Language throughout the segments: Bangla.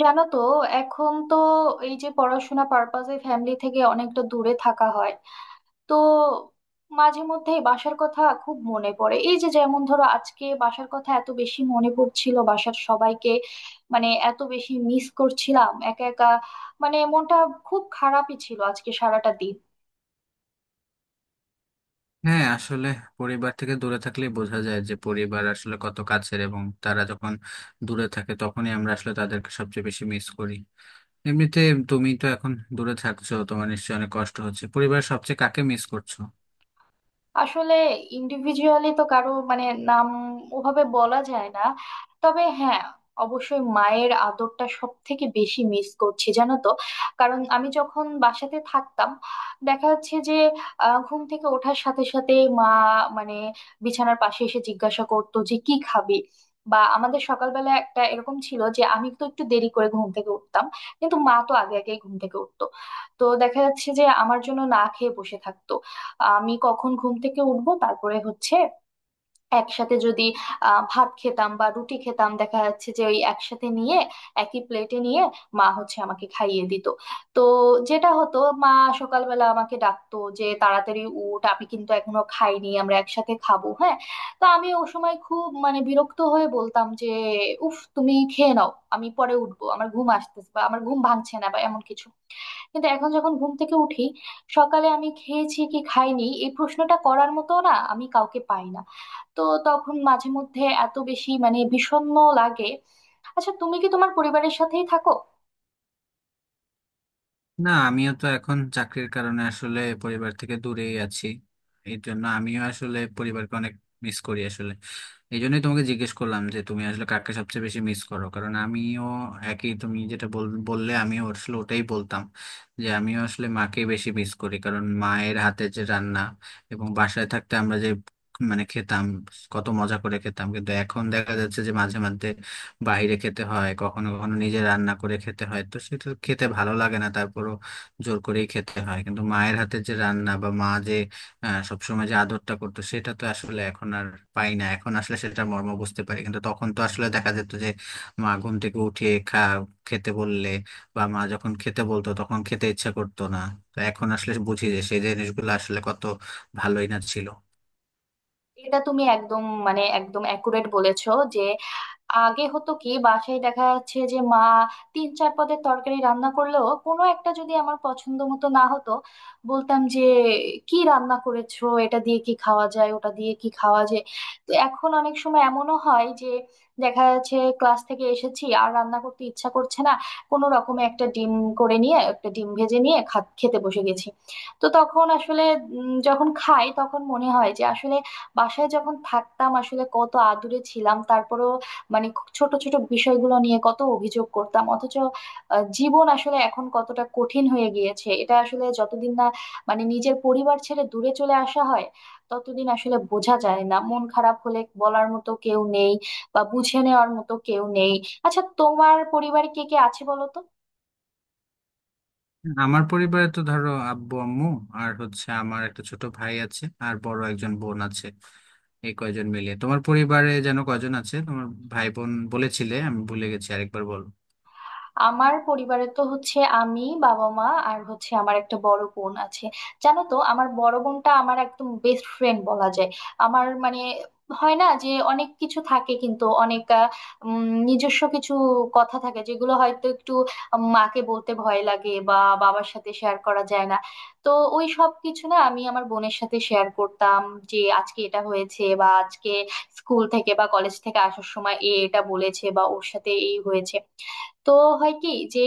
জানো তো, এখন তো এই যে পড়াশোনা পারপাসে ফ্যামিলি থেকে অনেকটা দূরে থাকা হয়, তো মাঝে মধ্যে বাসার কথা খুব মনে পড়ে। এই যে, যেমন ধরো, আজকে বাসার কথা এত বেশি মনে পড়ছিল, বাসার সবাইকে, মানে এত বেশি মিস করছিলাম একা একা, মানে মনটা খুব খারাপই ছিল আজকে সারাটা দিন। হ্যাঁ, আসলে পরিবার থেকে দূরে থাকলে বোঝা যায় যে পরিবার আসলে কত কাছের, এবং তারা যখন দূরে থাকে তখনই আমরা আসলে তাদেরকে সবচেয়ে বেশি মিস করি। এমনিতে তুমি তো এখন দূরে থাকছো, তোমার নিশ্চয়ই অনেক কষ্ট হচ্ছে। পরিবারের সবচেয়ে কাকে মিস করছো? আসলে ইন্ডিভিজুয়ালি তো কারো, মানে, নাম ওভাবে বলা যায় না। তবে হ্যাঁ, অবশ্যই মায়ের আদরটা সব থেকে বেশি মিস করছি, জানো তো। কারণ আমি যখন বাসাতে থাকতাম, দেখা যাচ্ছে যে ঘুম থেকে ওঠার সাথে সাথে মা, মানে, বিছানার পাশে এসে জিজ্ঞাসা করতো যে কি খাবি। বা আমাদের সকালবেলা একটা এরকম ছিল যে আমি তো একটু দেরি করে ঘুম থেকে উঠতাম, কিন্তু মা তো আগে আগেই ঘুম থেকে উঠতো। তো দেখা যাচ্ছে যে আমার জন্য না খেয়ে বসে থাকতো আমি কখন ঘুম থেকে উঠবো। তারপরে হচ্ছে একসাথে যদি ভাত খেতাম বা রুটি খেতাম, দেখা যাচ্ছে যে ওই একসাথে নিয়ে, একই প্লেটে নিয়ে, মা হচ্ছে আমাকে খাইয়ে দিত। তো যেটা হতো, মা সকালবেলা আমাকে ডাকতো যে তাড়াতাড়ি উঠ, আমি কিন্তু এখনো খাইনি, আমরা একসাথে খাবো, হ্যাঁ। তো আমি ও সময় খুব, মানে, বিরক্ত হয়ে বলতাম যে উফ, তুমি খেয়ে নাও, আমি পরে উঠবো, আমার ঘুম আসতেছে বা আমার ঘুম ভাঙছে না বা এমন কিছু। কিন্তু এখন যখন ঘুম থেকে উঠি সকালে, আমি খেয়েছি কি খাইনি এই প্রশ্নটা করার মতো না আমি কাউকে পাই না। তো তখন মাঝে মধ্যে এত বেশি, মানে, বিষণ্ণ লাগে। আচ্ছা, তুমি কি তোমার পরিবারের সাথেই থাকো? না, আমিও তো এখন চাকরির কারণে আসলে পরিবার থেকে দূরেই আছি, এই জন্য আমিও আসলে পরিবারকে অনেক মিস করি আসলে। এই জন্যই তোমাকে জিজ্ঞেস করলাম যে তুমি আসলে কাকে সবচেয়ে বেশি মিস করো, কারণ আমিও একই। তুমি যেটা বললে আমিও আসলে ওটাই বলতাম, যে আমিও আসলে মাকে বেশি মিস করি। কারণ মায়ের হাতে যে রান্না, এবং বাসায় থাকতে আমরা যে মানে খেতাম, কত মজা করে খেতাম, কিন্তু এখন দেখা যাচ্ছে যে মাঝে মধ্যে বাইরে খেতে হয়, কখনো কখনো নিজে রান্না করে খেতে হয়, তো সেটা খেতে ভালো লাগে না, তারপরও জোর করেই খেতে হয়। কিন্তু মায়ের হাতের যে রান্না বা মা যে সবসময় যে আদরটা করতো, সেটা তো আসলে এখন আর পাই না। এখন আসলে সেটা মর্ম বুঝতে পারি, কিন্তু তখন তো আসলে দেখা যেত যে মা ঘুম থেকে উঠিয়ে খেতে বললে, বা মা যখন খেতে বলতো তখন খেতে ইচ্ছা করতো না। তো এখন আসলে বুঝি যে সেই জিনিসগুলো আসলে কত ভালোই না ছিল। এটা তুমি একদম, মানে, একদম অ্যাকুরেট বলেছো। যে আগে হতো কি, বাসায় দেখা যাচ্ছে যে মা তিন চার পদের তরকারি রান্না করলেও কোনো একটা যদি আমার পছন্দ মতো না হতো, বলতাম যে কি রান্না করেছো, এটা দিয়ে কি খাওয়া যায়, ওটা দিয়ে কি খাওয়া যায়। তো এখন অনেক সময় এমনও হয় যে দেখা যাচ্ছে ক্লাস থেকে এসেছি আর রান্না করতে ইচ্ছা করছে না, কোনো রকমে একটা ডিম করে নিয়ে, একটা ডিম ভেজে নিয়ে খেতে বসে গেছি। তো তখন আসলে, যখন খাই তখন মনে হয় যে আসলে বাসায় যখন থাকতাম আসলে কত আদুরে ছিলাম, তারপরেও, মানে, খুব ছোট ছোট বিষয়গুলো নিয়ে কত অভিযোগ করতাম। অথচ জীবন আসলে এখন কতটা কঠিন হয়ে গিয়েছে, এটা আসলে যতদিন না, মানে, নিজের পরিবার ছেড়ে দূরে চলে আসা হয় ততদিন আসলে বোঝা যায় না। মন খারাপ হলে বলার মতো কেউ নেই, বা বুঝে নেওয়ার মতো কেউ নেই। আচ্ছা, তোমার পরিবারে কে কে আছে বলো তো? আমার পরিবারে তো ধরো আব্বু আম্মু, আর হচ্ছে আমার একটা ছোট ভাই আছে আর বড় একজন বোন আছে, এই কয়জন মিলিয়ে। তোমার পরিবারে যেন কয়জন আছে? তোমার ভাই বোন বলেছিলে, আমি ভুলে গেছি, আরেকবার বলো। আমার পরিবারে তো হচ্ছে আমি, বাবা, মা, আর হচ্ছে আমার একটা বড় বোন আছে। জানো তো, আমার বড় বোনটা আমার একদম বেস্ট ফ্রেন্ড বলা যায়। আমার, মানে, হয় না যে অনেক কিছু থাকে, কিন্তু অনেক নিজস্ব কিছু কথা থাকে যেগুলো হয়তো একটু মাকে বলতে ভয় লাগে বা বাবার সাথে শেয়ার করা যায় না। তো ওই সব কিছু না আমি আমার বোনের সাথে শেয়ার করতাম, যে আজকে এটা হয়েছে বা আজকে স্কুল থেকে বা কলেজ থেকে আসার সময় এটা বলেছে বা ওর সাথে এই হয়েছে। তো হয় কি যে,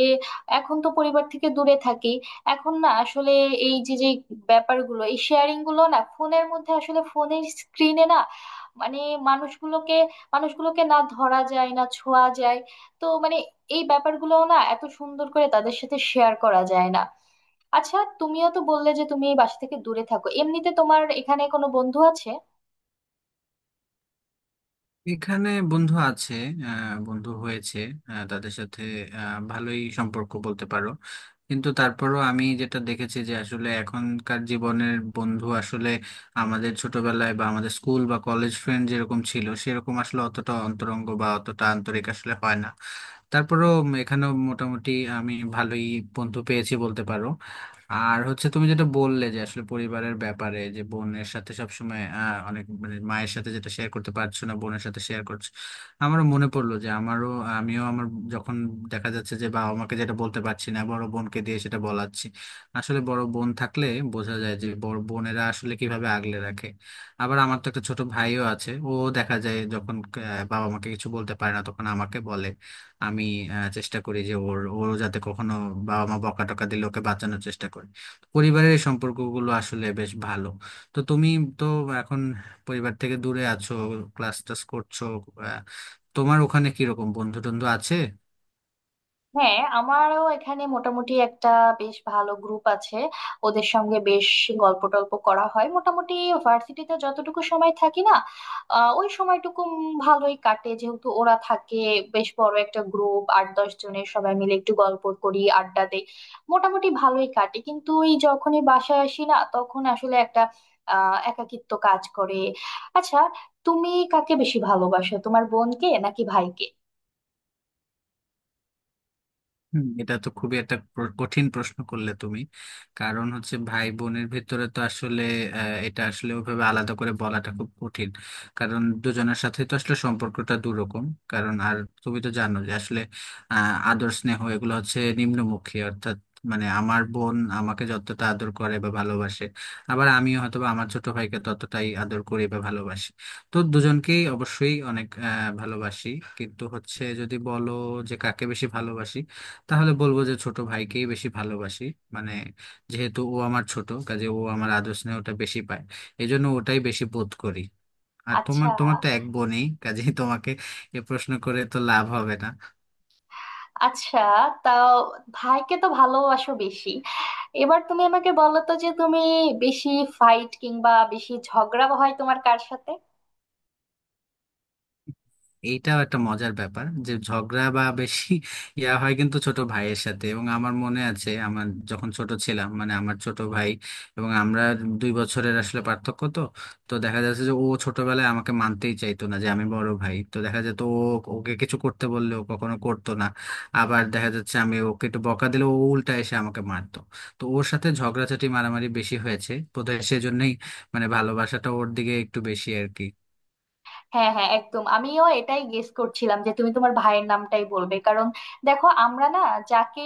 এখন তো পরিবার থেকে দূরে থাকি, এখন না আসলে এই যে যে ব্যাপারগুলো, এই শেয়ারিং গুলো না ফোনের মধ্যে আসলে, ফোনের স্ক্রিনে না, মানে, মানুষগুলোকে মানুষগুলোকে না ধরা যায় না ছোঁয়া যায়। তো মানে এই ব্যাপারগুলো না এত সুন্দর করে তাদের সাথে শেয়ার করা যায় না। আচ্ছা, তুমিও তো বললে যে তুমি এই বাসা থেকে দূরে থাকো। এমনিতে তোমার এখানে কোনো বন্ধু আছে? এখানে বন্ধু আছে, বন্ধু হয়েছে, তাদের সাথে ভালোই সম্পর্ক বলতে পারো। কিন্তু তারপরও আমি যেটা দেখেছি, যে আসলে এখনকার জীবনের বন্ধু আসলে আমাদের ছোটবেলায় বা আমাদের স্কুল বা কলেজ ফ্রেন্ড যেরকম ছিল, সেরকম আসলে অতটা অন্তরঙ্গ বা অতটা আন্তরিক আসলে হয় না। তারপরেও এখানেও মোটামুটি আমি ভালোই বন্ধু পেয়েছি বলতে পারো। আর হচ্ছে তুমি যেটা বললে, যে আসলে পরিবারের ব্যাপারে, যে বোনের সাথে সবসময় অনেক, মানে মায়ের সাথে যেটা শেয়ার করতে পারছো না বোনের সাথে শেয়ার করছো, আমারও মনে পড়লো যে আমারও, আমিও আমার, যখন দেখা যাচ্ছে যে বাবা মাকে যেটা বলতে পারছি না, বড় বোনকে দিয়ে সেটা বলাচ্ছি। আসলে বড় বোন থাকলে বোঝা যায় যে বড় বোনেরা আসলে কিভাবে আগলে রাখে। আবার আমার তো একটা ছোট ভাইও আছে, ও দেখা যায় যখন বাবা মাকে কিছু বলতে পারে না তখন আমাকে বলে। আমি চেষ্টা করি যে ওরও যাতে কখনো বাবা মা বকা টকা দিলে ওকে বাঁচানোর চেষ্টা করি। পরিবারের এই সম্পর্কগুলো আসলে বেশ ভালো। তো তুমি তো এখন পরিবার থেকে দূরে আছো, ক্লাস টাস করছো, আহ, তোমার ওখানে কিরকম বন্ধু টন্ধু আছে? হ্যাঁ, আমারও এখানে মোটামুটি একটা বেশ ভালো গ্রুপ আছে। ওদের সঙ্গে বেশ গল্প টল্প করা হয় মোটামুটি। ভার্সিটিতে যতটুকু সময় থাকি না, ওই সময়টুকু ভালোই কাটে যেহেতু ওরা থাকে। বেশ বড় একটা গ্রুপ, 8-10 জনের, সবাই মিলে একটু গল্প করি, আড্ডা দেই, মোটামুটি ভালোই কাটে। কিন্তু এই যখনই বাসায় আসি না তখন আসলে একটা একাকিত্ব কাজ করে। আচ্ছা, তুমি কাকে বেশি ভালোবাসো, তোমার বোনকে নাকি ভাইকে? এটা তো খুবই একটা কঠিন প্রশ্ন করলে তুমি। কারণ হচ্ছে ভাই বোনের ভিতরে তো আসলে এটা আসলে ওভাবে আলাদা করে বলাটা খুব কঠিন, কারণ দুজনের সাথে তো আসলে সম্পর্কটা দুরকম। কারণ আর তুমি তো জানো যে আসলে আদর স্নেহ এগুলো হচ্ছে নিম্নমুখী, অর্থাৎ মানে আমার বোন আমাকে যতটা আদর করে বা ভালোবাসে, আবার আমিও হয়তো বা আমার ছোট ভাইকে ততটাই আদর করি বা ভালোবাসি। তো দুজনকেই অবশ্যই অনেক ভালোবাসি। কিন্তু হচ্ছে যদি বলো যে কাকে বেশি ভালোবাসি, তাহলে বলবো যে ছোট ভাইকেই বেশি ভালোবাসি, মানে যেহেতু ও আমার ছোট, কাজে ও আমার আদর স্নেহটা বেশি পায়, এজন্য ওটাই বেশি বোধ করি। আর আচ্ছা, তোমার তোমার তো এক বোনই, কাজেই তোমাকে এ প্রশ্ন করে তো লাভ হবে না। আচ্ছা। তাও ভাইকে তো ভালোবাসো বেশি। এবার তুমি আমাকে বলো তো যে তুমি বেশি ফাইট কিংবা বেশি ঝগড়া হয় তোমার কার সাথে? এইটাও একটা মজার ব্যাপার যে ঝগড়া বা বেশি হয় কিন্তু ছোট ভাইয়ের সাথে। এবং আমার মনে আছে, আমার যখন ছোট ছিলাম, মানে আমার ছোট ভাই এবং আমরা 2 বছরের আসলে পার্থক্য তো। তো দেখা যাচ্ছে যে ও ছোটবেলায় আমাকে মানতেই চাইতো না যে আমি বড় ভাই, তো দেখা যেত ও, ওকে কিছু করতে বললে ও কখনো করতো না। আবার দেখা যাচ্ছে আমি ওকে একটু বকা দিলে ও উল্টা এসে আমাকে মারতো। তো ওর সাথে ঝগড়াঝাটি মারামারি বেশি হয়েছে, বোধহয় সেজন্যই মানে ভালোবাসাটা ওর দিকে একটু বেশি আর কি। হ্যাঁ, হ্যাঁ, একদম, আমিও এটাই গেস করছিলাম যে তুমি তোমার ভাইয়ের নামটাই বলবে। কারণ দেখো, আমরা না যাকে,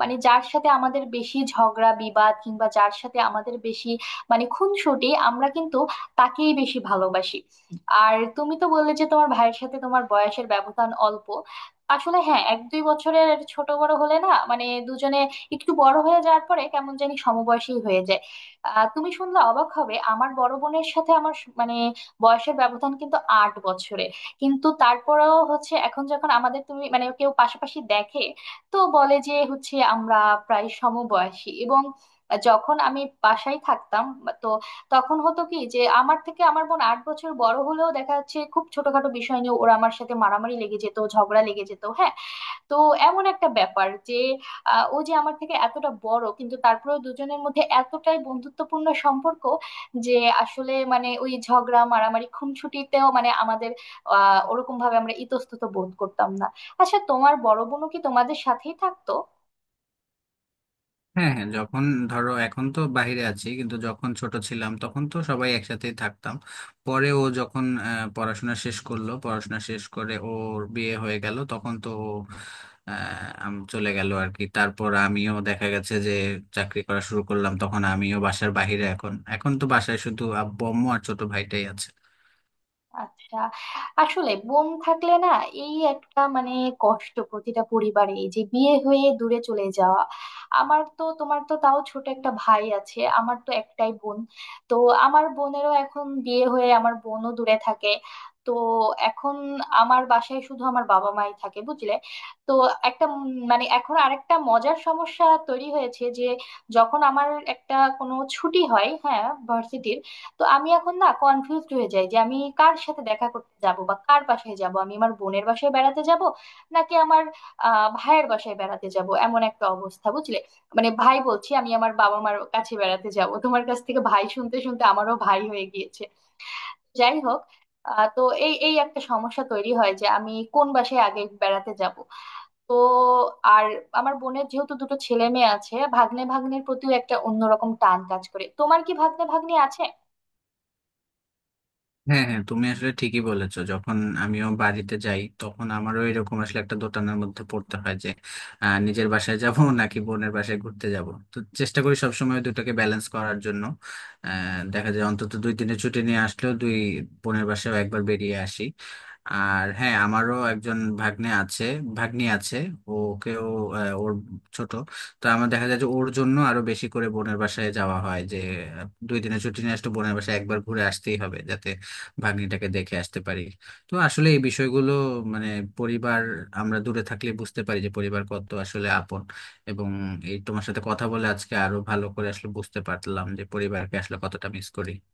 মানে, যার সাথে আমাদের বেশি ঝগড়া বিবাদ কিংবা যার সাথে আমাদের বেশি, মানে, খুনসুটি, আমরা কিন্তু তাকেই বেশি ভালোবাসি। আর তুমি তো বললে যে তোমার ভাইয়ের সাথে তোমার বয়সের ব্যবধান অল্প। আসলে হ্যাঁ, 1-2 বছরের ছোট বড় হলে না, মানে, দুজনে একটু বড় হয়ে যাওয়ার পরে কেমন জানি সমবয়সী হয়ে যায়। তুমি শুনলে অবাক হবে, আমার বড় বোনের সাথে আমার মানে বয়সের ব্যবধান কিন্তু 8 বছরে। কিন্তু তারপরেও হচ্ছে, এখন যখন আমাদের তুমি, মানে, কেউ পাশাপাশি দেখে, তো বলে যে হচ্ছে আমরা প্রায় সমবয়সী। এবং যখন আমি বাসায় থাকতাম, তো তখন হতো কি যে আমার থেকে আমার বোন 8 বছর বড় হলেও দেখা যাচ্ছে খুব ছোটখাটো বিষয় নিয়ে ওরা আমার সাথে মারামারি লেগে যেত, ঝগড়া লেগে যেত, হ্যাঁ। তো এমন একটা ব্যাপার যে ও যে আমার থেকে এতটা বড়, কিন্তু তারপরেও দুজনের মধ্যে এতটাই বন্ধুত্বপূর্ণ সম্পর্ক যে আসলে, মানে, ওই ঝগড়া মারামারি খুনসুটিতেও, মানে, আমাদের ওরকম ভাবে আমরা ইতস্তত বোধ করতাম না। আচ্ছা, তোমার বড় বোনও কি তোমাদের সাথেই থাকতো? হ্যাঁ, হ্যাঁ, যখন ধরো এখন তো বাইরে আছি, কিন্তু যখন ছোট ছিলাম তখন তো সবাই একসাথেই থাকতাম। পরে ও যখন পড়াশোনা শেষ করলো, পড়াশোনা শেষ করে ওর বিয়ে হয়ে গেল তখন তো ও, চলে গেল আর কি। তারপর আমিও দেখা গেছে যে চাকরি করা শুরু করলাম, তখন আমিও বাসার বাইরে। এখন এখন তো বাসায় শুধু আব্বু আম্মু আর ছোট ভাইটাই আছে। আচ্ছা। আসলে বোন থাকলে না এই একটা, মানে, কষ্ট প্রতিটা পরিবারে, এই যে বিয়ে হয়ে দূরে চলে যাওয়া। আমার তো তোমার তো তাও ছোট একটা ভাই আছে, আমার তো একটাই বোন। তো আমার বোনেরও এখন বিয়ে হয়ে, আমার বোনও দূরে থাকে। তো এখন আমার বাসায় শুধু আমার বাবা মাই থাকে, বুঝলে। তো একটা মানে এখন আরেকটা মজার সমস্যা তৈরি হয়েছে যে, যখন আমার একটা কোনো ছুটি হয়, হ্যাঁ, ভার্সিটির, তো আমি এখন না কনফিউজড হয়ে যাই যে আমি কার সাথে দেখা করতে যাব বা কার বাসায় যাব, আমি আমার বোনের বাসায় বেড়াতে যাব নাকি আমার ভাইয়ের বাসায় বেড়াতে যাব, এমন একটা অবস্থা, বুঝলে। মানে ভাই বলছি, আমি আমার বাবা মার কাছে বেড়াতে যাব, তোমার কাছ থেকে ভাই শুনতে শুনতে আমারও ভাই হয়ে গিয়েছে। যাই হোক, তো এই এই একটা সমস্যা তৈরি হয় যে আমি কোন বাসায় আগে বেড়াতে যাব। তো আর আমার বোনের যেহেতু দুটো ছেলে মেয়ে আছে, ভাগ্নে ভাগ্নির প্রতিও একটা অন্যরকম টান কাজ করে। তোমার কি ভাগ্নে ভাগ্নি আছে? হ্যাঁ, হ্যাঁ, তুমি আসলে ঠিকই বলেছো। যখন আমিও বাড়িতে যাই তখন আমারও এরকম আসলে একটা দোটানার মধ্যে পড়তে হয়, যে নিজের বাসায় যাব নাকি বোনের বাসায় ঘুরতে যাব। তো চেষ্টা করি সবসময় দুটাকে ব্যালেন্স করার জন্য। আহ, দেখা যায় অন্তত 2 দিনের ছুটি নিয়ে আসলেও দুই বোনের বাসায়ও একবার বেরিয়ে আসি। আর হ্যাঁ, আমারও একজন ভাগ্নে আছে, ভাগ্নি আছে। ওকেও ওর ছোট, তো আমার দেখা যায় যে ওর জন্য আরো বেশি করে বোনের বাসায় যাওয়া হয়, যে 2 দিনের ছুটি নিয়ে আসলে বোনের বাসায় একবার ঘুরে আসতেই হবে, যাতে ভাগ্নিটাকে দেখে আসতে পারি। তো আসলে এই বিষয়গুলো, মানে পরিবার, আমরা দূরে থাকলে বুঝতে পারি যে পরিবার কত আসলে আপন। এবং এই তোমার সাথে কথা বলে আজকে আরো ভালো করে আসলে বুঝতে পারলাম যে পরিবারকে আসলে কতটা মিস করি।